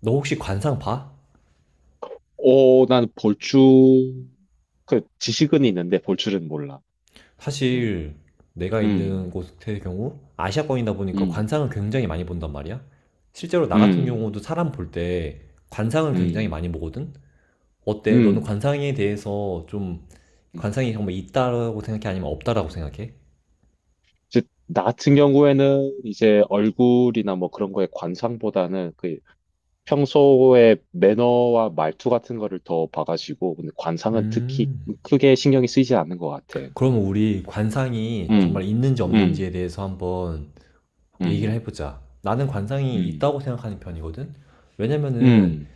너 혹시 관상 봐? 어, 난 지식은 있는데 볼줄은 몰라. 음, 사실 내가 있는 음, 곳의 경우 아시아권이다 보니까 음, 관상을 굉장히 많이 본단 말이야. 실제로 나 같은 음, 경우도 사람 볼 때 관상을 굉장히 음, 많이 보거든. 어때? 너는 음. 관상에 대해서 좀 음. 관상이 정말 있다라고 생각해? 아니면 없다라고 생각해? 이제 나 같은 경우에는 이제 얼굴이나 뭐 그런 거에 관상보다는 그 평소에 매너와 말투 같은 거를 더 봐가지고, 근데 관상은 특히 음. 크게 신경이 쓰이지 않는 것 같아. 그러면 우리 관상이 정말 음, 있는지 음, 없는지에 대해서 한번 얘기를 음, 해보자. 나는 관상이 음, 있다고 생각하는 편이거든. 왜냐면은 음,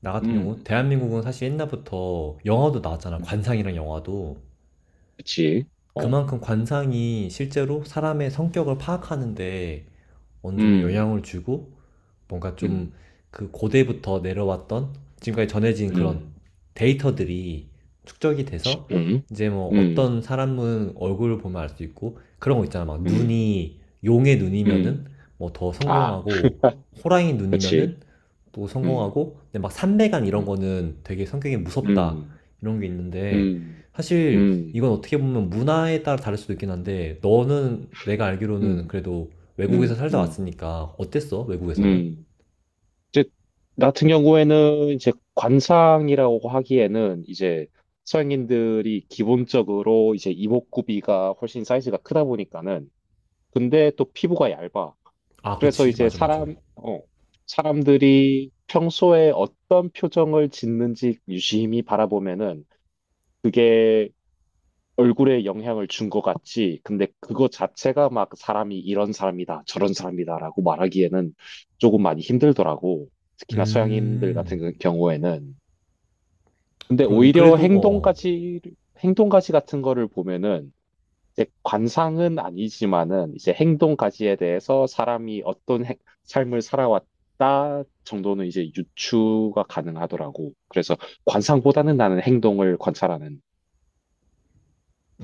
나 같은 경우 음, 대한민국은 사실 옛날부터 영화도 나왔잖아. 음. 관상이랑 영화도. 그치? 어, 그만큼 관상이 실제로 사람의 성격을 파악하는데 어느 정도 음, 영향을 주고 뭔가 좀 음, 그 고대부터 내려왔던 지금까지 전해진 그런 음. 데이터들이 축적이 치- 돼서 음, 이제 뭐 어떤 음, 사람은 얼굴을 보면 알 수 있고 그런 거 있잖아. 막 음, 눈이 용의 음, 눈이면은 뭐 더 아, 성공하고 호랑이 그치, 눈이면은 또 음, 성공하고 근데 막 삼배간 이런 음, 거는 되게 성격이 무섭다 음, 이런 게 있는데 음, 사실 음, 이건 어떻게 보면 문화에 따라 다를 수도 있긴 한데 너는 내가 알기로는 음, 그래도 외국에서 음, 살다 음, 왔으니까 어땠어? 외국에서는? 음. 이제 나 같은 경우에는 이제 관상이라고 하기에는 이제 서양인들이 기본적으로 이제 이목구비가 훨씬 사이즈가 크다 보니까는 근데 또 피부가 얇아. 아, 그래서 그치. 이제 맞아, 맞아. 사람, 어, 사람들이 평소에 어떤 표정을 짓는지 유심히 바라보면은 그게 얼굴에 영향을 준 것 같지. 근데 그거 자체가 막 사람이 이런 사람이다, 저런 사람이다라고 말하기에는 조금 많이 힘들더라고. 특히나 서양인들 음, 같은 그 경우에는. 근데 그러네. 오히려 그래도, 어, 어. 행동까지 같은 거를 보면은 이제 관상은 아니지만은 이제 행동 가지에 대해서 사람이 삶을 살아왔다 정도는 이제 유추가 가능하더라고. 그래서 관상보다는 나는 행동을 관찰하는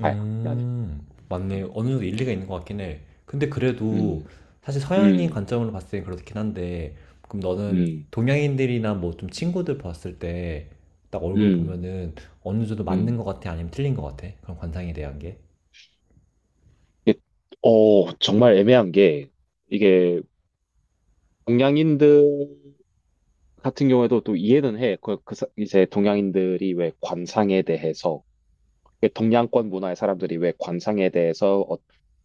파야. 나는. 맞네. 음, 어느 정도 일리가 있는 것 같긴 해. 근데 그래도, 음, 사실 서양인 음, 관점으로 봤을 땐 그렇긴 한데, 그럼 너는 음, 동양인들이나 뭐 좀 친구들 봤을 때, 딱 얼굴 음. 보면은 어느 정도 맞는 것 음. 같아? 아니면 틀린 것 같아? 그런 관상에 대한 게? 이게, 어, 정말 애매한 게 이게 동양인들 같은 경우에도 또 이해는 해. 이제 동양인들이 왜 관상에 대해서 동양권 문화의 사람들이 왜 관상에 대해서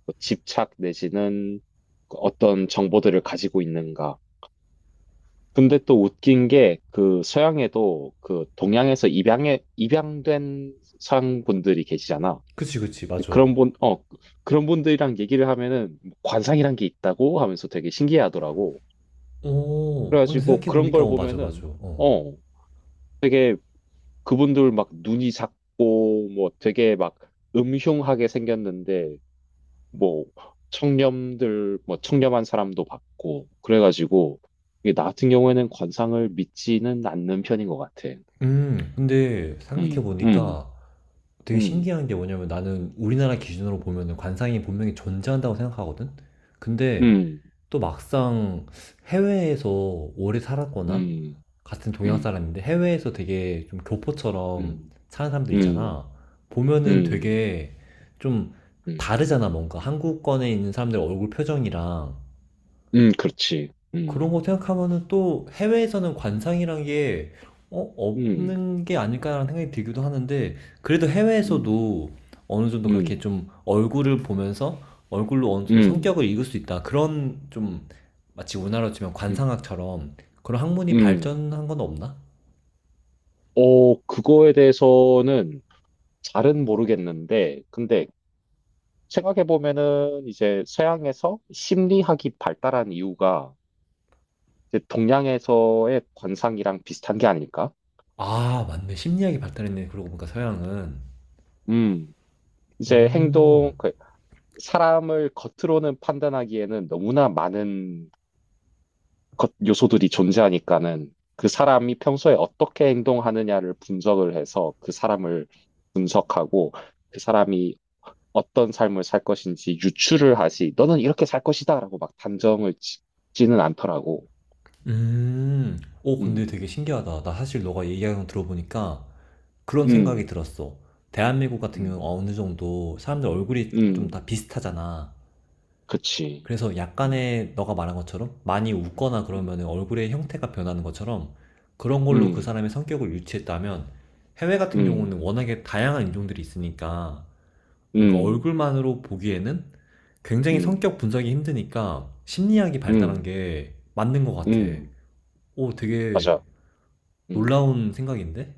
또 집착 내지는 그 어떤 정보들을 가지고 있는가. 근데 또 웃긴 게 그 서양에도 그 동양에서 입양에 입양된 서양 분들이 계시잖아. 그치, 그치. 맞아. 그런 분, 어, 그런 분들이랑 얘기를 하면은 관상이란 게 있다고 하면서 되게 신기해하더라고. 오, 근데 그래가지고 그런 생각해보니까, 걸 어, 맞아, 맞아. 보면은 어. 어, 되게 그분들 막 눈이 작고 뭐 되게 막 음흉하게 생겼는데 뭐 청렴들 뭐 청렴한 사람도 봤고 그래가지고 이게 나 같은 경우에는 관상을 믿지는 않는 편인 것 같아. 근데 음, 음, 생각해보니까, 되게 음, 신기한 게 뭐냐면 나는 우리나라 기준으로 보면은 관상이 분명히 존재한다고 생각하거든? 근데 음, 또 막상 해외에서 오래 살았거나 음, 같은 동양 음, 사람인데 해외에서 되게 좀 교포처럼 음, 사는 사람들 음, 있잖아. 음, 보면은 음, 되게 좀 음, 다르잖아, 뭔가. 한국권에 있는 사람들 얼굴 표정이랑 그렇지. 그런 거 생각하면은 또 해외에서는 관상이란 게 어, 음, 없는 게 아닐까라는 생각이 들기도 하는데 그래도 음, 해외에서도 어느 정도 그렇게 음, 좀 얼굴을 보면서 얼굴로 어느 정도 음, 성격을 읽을 수 있다. 그런 좀 마치 우리나라로 치면 음, 관상학처럼 그런 학문이 음. 발전한 건 없나? 어, 그거에 대해서는 잘은 모르겠는데, 근데 생각해 보면은 이제 서양에서 심리학이 발달한 이유가 이제 동양에서의 관상이랑 비슷한 게 아닐까? 아, 맞네. 심리학이 발달했네. 그러고 보니까 서양은. 음, 이제 행동, 음. 그 사람을 겉으로는 판단하기에는 너무나 많은 것, 요소들이 존재하니까는 그 사람이 평소에 어떻게 행동하느냐를 분석을 해서 그 사람을 분석하고 그 사람이 어떤 삶을 살 것인지 유추를 하지, 너는 이렇게 살 것이다라고 막 단정을 짓지는 않더라고. 음. 오, 근데 음, 되게 신기하다. 나 사실 너가 얘기하는 거 음, 들어보니까 그런 생각이 음, 들었어. 대한민국 같은 경우 음, 어느 정도 사람들 얼굴이 음, 좀 다 음, 비슷하잖아. 그치. 그래서 음. 약간의 너가 말한 것처럼 많이 웃거나 음. 그러면 얼굴의 형태가 변하는 것처럼 그런 걸로 그 음, 사람의 성격을 유추했다면 해외 같은 음, 경우는 워낙에 다양한 인종들이 있으니까 뭔가 음, 얼굴만으로 보기에는 굉장히 음, 성격 분석이 힘드니까 심리학이 발달한 음, 게 맞는 것 같아. 음, 오, 되게 맞아. 음, 놀라운 생각인데?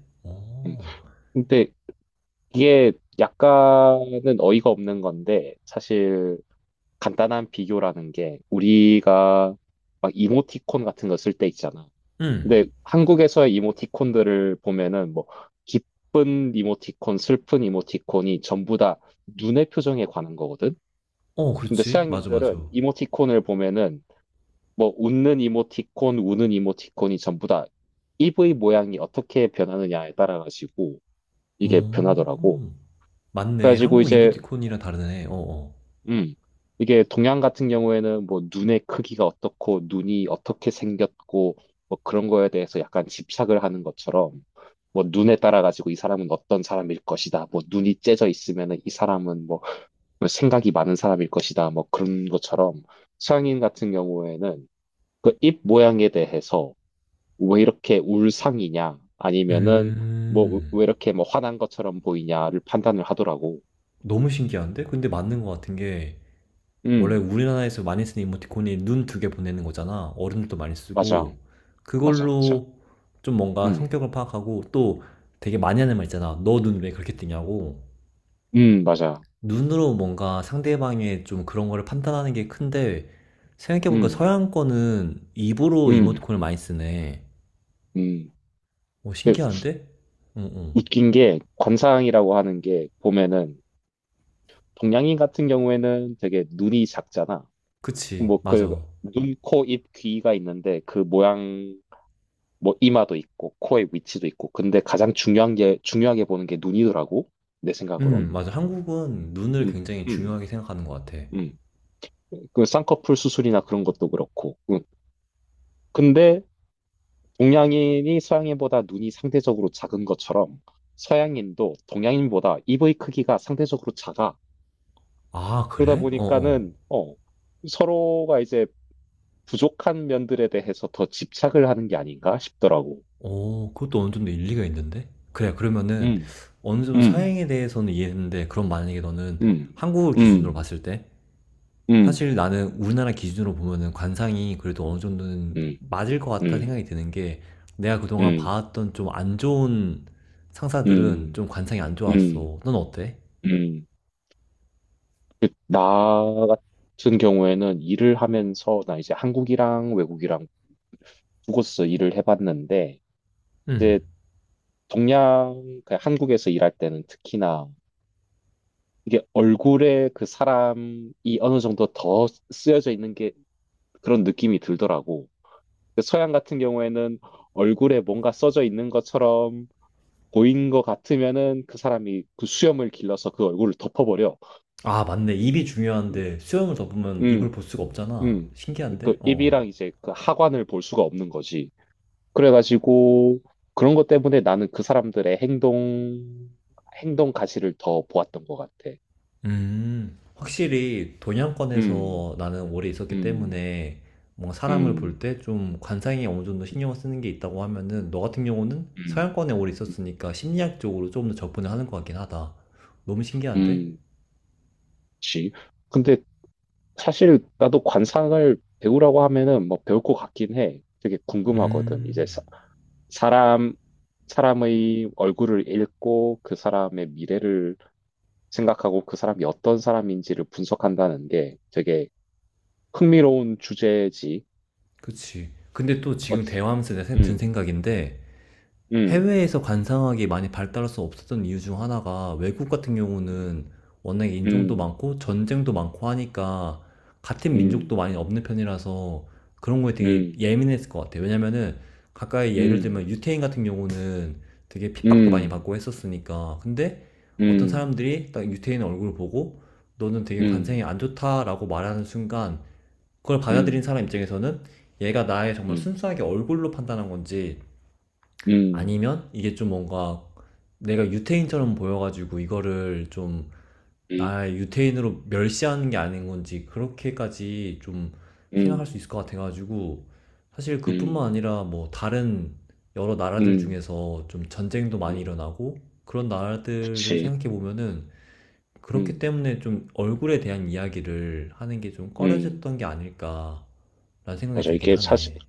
음. 어, 근데 이게 약간은 어이가 없는 건데, 사실 간단한 비교라는 게 우리가 막 이모티콘 같은 거 쓸 때 있잖아. 응. 근데 한국에서의 이모티콘들을 보면은 뭐 기쁜 이모티콘, 슬픈 이모티콘이 전부 다 눈의 표정에 관한 거거든. 어, 근데 그렇지. 맞아, 맞아. 서양인들은 이모티콘을 보면은 뭐 웃는 이모티콘, 우는 이모티콘이 전부 다 입의 모양이 어떻게 변하느냐에 따라가지고 이게 변하더라고. 오, 맞네. 그래가지고 한국 이제 이모티콘이랑 다르네. 어어. 음 이게 동양 같은 경우에는 뭐 눈의 크기가 어떻고 눈이 어떻게 생겼고 뭐 그런 거에 대해서 약간 집착을 하는 것처럼 뭐 눈에 따라가지고 이 사람은 어떤 사람일 것이다. 뭐 눈이 째져 있으면은 이 사람은 뭐 생각이 많은 사람일 것이다. 뭐 그런 것처럼 서양인 같은 경우에는 그 입 모양에 대해서 왜 이렇게 울상이냐 아니면은 뭐 음, 왜 이렇게 뭐 화난 것처럼 보이냐를 판단을 하더라고. 너무 신기한데? 근데 맞는 것 같은 게, 원래 음, 우리나라에서 많이 쓰는 이모티콘이 눈 두 개 보내는 거잖아. 어른들도 많이 맞아, 쓰고, 맞아, 맞아. 그걸로 좀 뭔가 음, 성격을 파악하고, 또 되게 음, 많이 하는 말 있잖아. 너 눈 왜 그렇게 뜨냐고. 맞아. 눈으로 뭔가 상대방의 좀 그런 거를 판단하는 게 큰데, 생각해보니까 음, 서양 거는 입으로 음, 이모티콘을 많이 쓰네. 음. 어, 근데 신기한데? 응, 응. 웃긴 게 관상이라고 하는 게 보면은 동양인 같은 경우에는 되게 눈이 작잖아. 그치, 뭐 그 맞아. 눈, 코, 입, 귀가 있는데 그 모양 뭐 이마도 있고 코의 위치도 있고 근데 가장 중요한 게 중요하게 보는 게 눈이더라고 내 생각으론. 맞아. 한국은 눈을 음, 굉장히 음. 중요하게 생각하는 것 같아. 음. 그 쌍꺼풀 수술이나 그런 것도 그렇고. 음. 근데 동양인이 서양인보다 눈이 상대적으로 작은 것처럼 서양인도 동양인보다 입의 크기가 상대적으로 작아. 아, 그러다 그래? 어어. 어, 보니까는 어, 서로가 이제 부족한 면들에 대해서 더 집착을 하는 게 아닌가 싶더라고. 어, 그것도 어느 정도 일리가 있는데? 그래, 그러면은 음, 어느 정도 음, 서양에 대해서는 이해했는데, 그럼 만약에 너는 음, 한국을 기준으로 음, 봤을 때, 음, 사실 나는 우리나라 기준으로 보면은 관상이 그래도 어느 정도는 음, 맞을 것 같다는 음, 생각이 드는 게, 내가 그동안 음, 봐왔던 좀 안 좋은 상사들은 음, 좀 관상이 안 음, 좋았어. 넌 어때? 음, 음. 그, 나 같은 경우에는 일을 하면서 나 이제 한국이랑 외국이랑 두 곳에서 일을 해봤는데 음. 이제 동양 그 한국에서 일할 때는 특히나 이게 얼굴에 그 사람이 어느 정도 더 쓰여져 있는 게 그런 느낌이 들더라고. 근데 서양 같은 경우에는 얼굴에 뭔가 써져 있는 것처럼 보인 것 같으면은 그 사람이 그 수염을 길러서 그 얼굴을 덮어버려. 아, 맞네. 입이 음, 중요한데 수염을 덮으면 음. 입을 볼 수가 없잖아. 음. 신기한데? 그 어. 입이랑 이제 그 하관을 볼 수가 없는 거지. 그래가지고 그런 것 때문에 나는 그 사람들의 행동, 행동 가시를 더 보았던 것 같아. 음. 음. 확실히 음, 동양권에서 나는 오래 있었기 음, 때문에 뭔가 사람을 볼 음, 때 좀 관상에 어느 정도 신경을 쓰는 게 있다고 하면은 너 같은 경우는 음, 서양권에 오래 있었으니까 심리학적으로 조금 더 접근을 하는 것 같긴 하다. 너무 신기한데? 음, 그치. 근데 사실 나도 관상을 배우라고 하면은 뭐 배울 것 같긴 해. 되게 궁금하거든. 음. 사람, 사람의 얼굴을 읽고 그 사람의 미래를 생각하고 그 사람이 어떤 사람인지를 분석한다는 게 되게 흥미로운 주제지. 그치. 근데 또 어, 지금 대화하면서 내가 든 음, 생각인데 음, 해외에서 관상학이 많이 발달해서 없었던 이유 중 하나가 외국 같은 음, 경우는 워낙에 인종도 음, 많고 전쟁도 많고 하니까 같은 민족도 음, 많이 없는 편이라서 그런 거에 되게 음, 예민했을 것 같아요. 왜냐면은 가까이 예를 음, 들면 유태인 같은 경우는 되게 핍박도 많이 음, 받고 했었으니까. 근데 어떤 음, 사람들이 딱 유태인 얼굴을 보고 너는 되게 관상이 음, 안 좋다라고 말하는 순간 그걸 음, 받아들인 음, 사람 입장에서는 얘가 나의 정말 음, 순수하게 얼굴로 판단한 건지 아니면 이게 좀 뭔가 내가 유태인처럼 보여가지고 이거를 좀 나의 유태인으로 멸시하는 게 아닌 건지 그렇게까지 좀 생각할 수 있을 것 같아가지고 사실 음, 그뿐만 음, 아니라 뭐 다른 여러 나라들 음, 중에서 좀 전쟁도 많이 음. 일어나고 그런 나라들을 그치. 생각해 보면은 그렇기 음, 때문에 좀 얼굴에 대한 이야기를 하는 게 좀 음. 꺼려졌던 게 아닐까라는 생각이 맞아. 들긴 이게 사실 하네.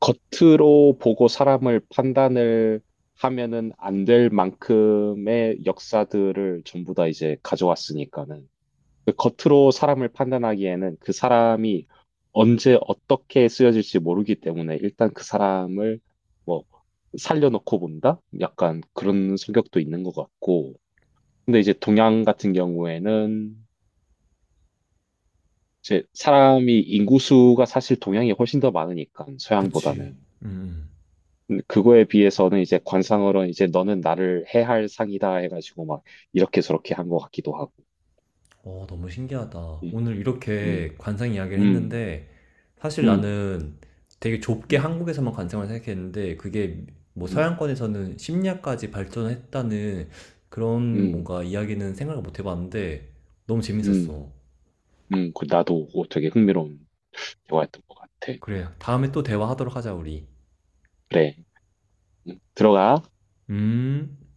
겉으로 보고 사람을 판단을 하면은 안 될 만큼의 역사들을 전부 다 이제 가져왔으니까는. 그 겉으로 사람을 판단하기에는 그 사람이 언제 어떻게 쓰여질지 모르기 때문에 일단 그 사람을 뭐 살려놓고 본다? 약간 그런 성격도 있는 것 같고. 근데 이제 동양 같은 경우에는 이제 사람이 인구수가 사실 동양이 훨씬 더 많으니까 그치. 서양보다는. 음. 근데 그거에 비해서는 이제 관상으로는 이제 너는 나를 해할 상이다 해가지고 막 이렇게 저렇게 한 것 같기도 하고. 어, 너무 신기하다. 음, 오늘 이렇게 음, 관상 이야기를 음, 했는데, 사실 음, 나는 되게 좁게 음, 한국에서만 관상을 생각했는데, 그게 뭐 음. 서양권에서는 심리학까지 발전했다는 그런 음. 뭔가 이야기는 생각을 못 해봤는데, 너무 재밌었어. 음, 그 나도 그거 되게 흥미로운 대화였던 것 같아. 그래, 다음에 또 대화하도록 하자, 우리. 그래, 들어가. 음.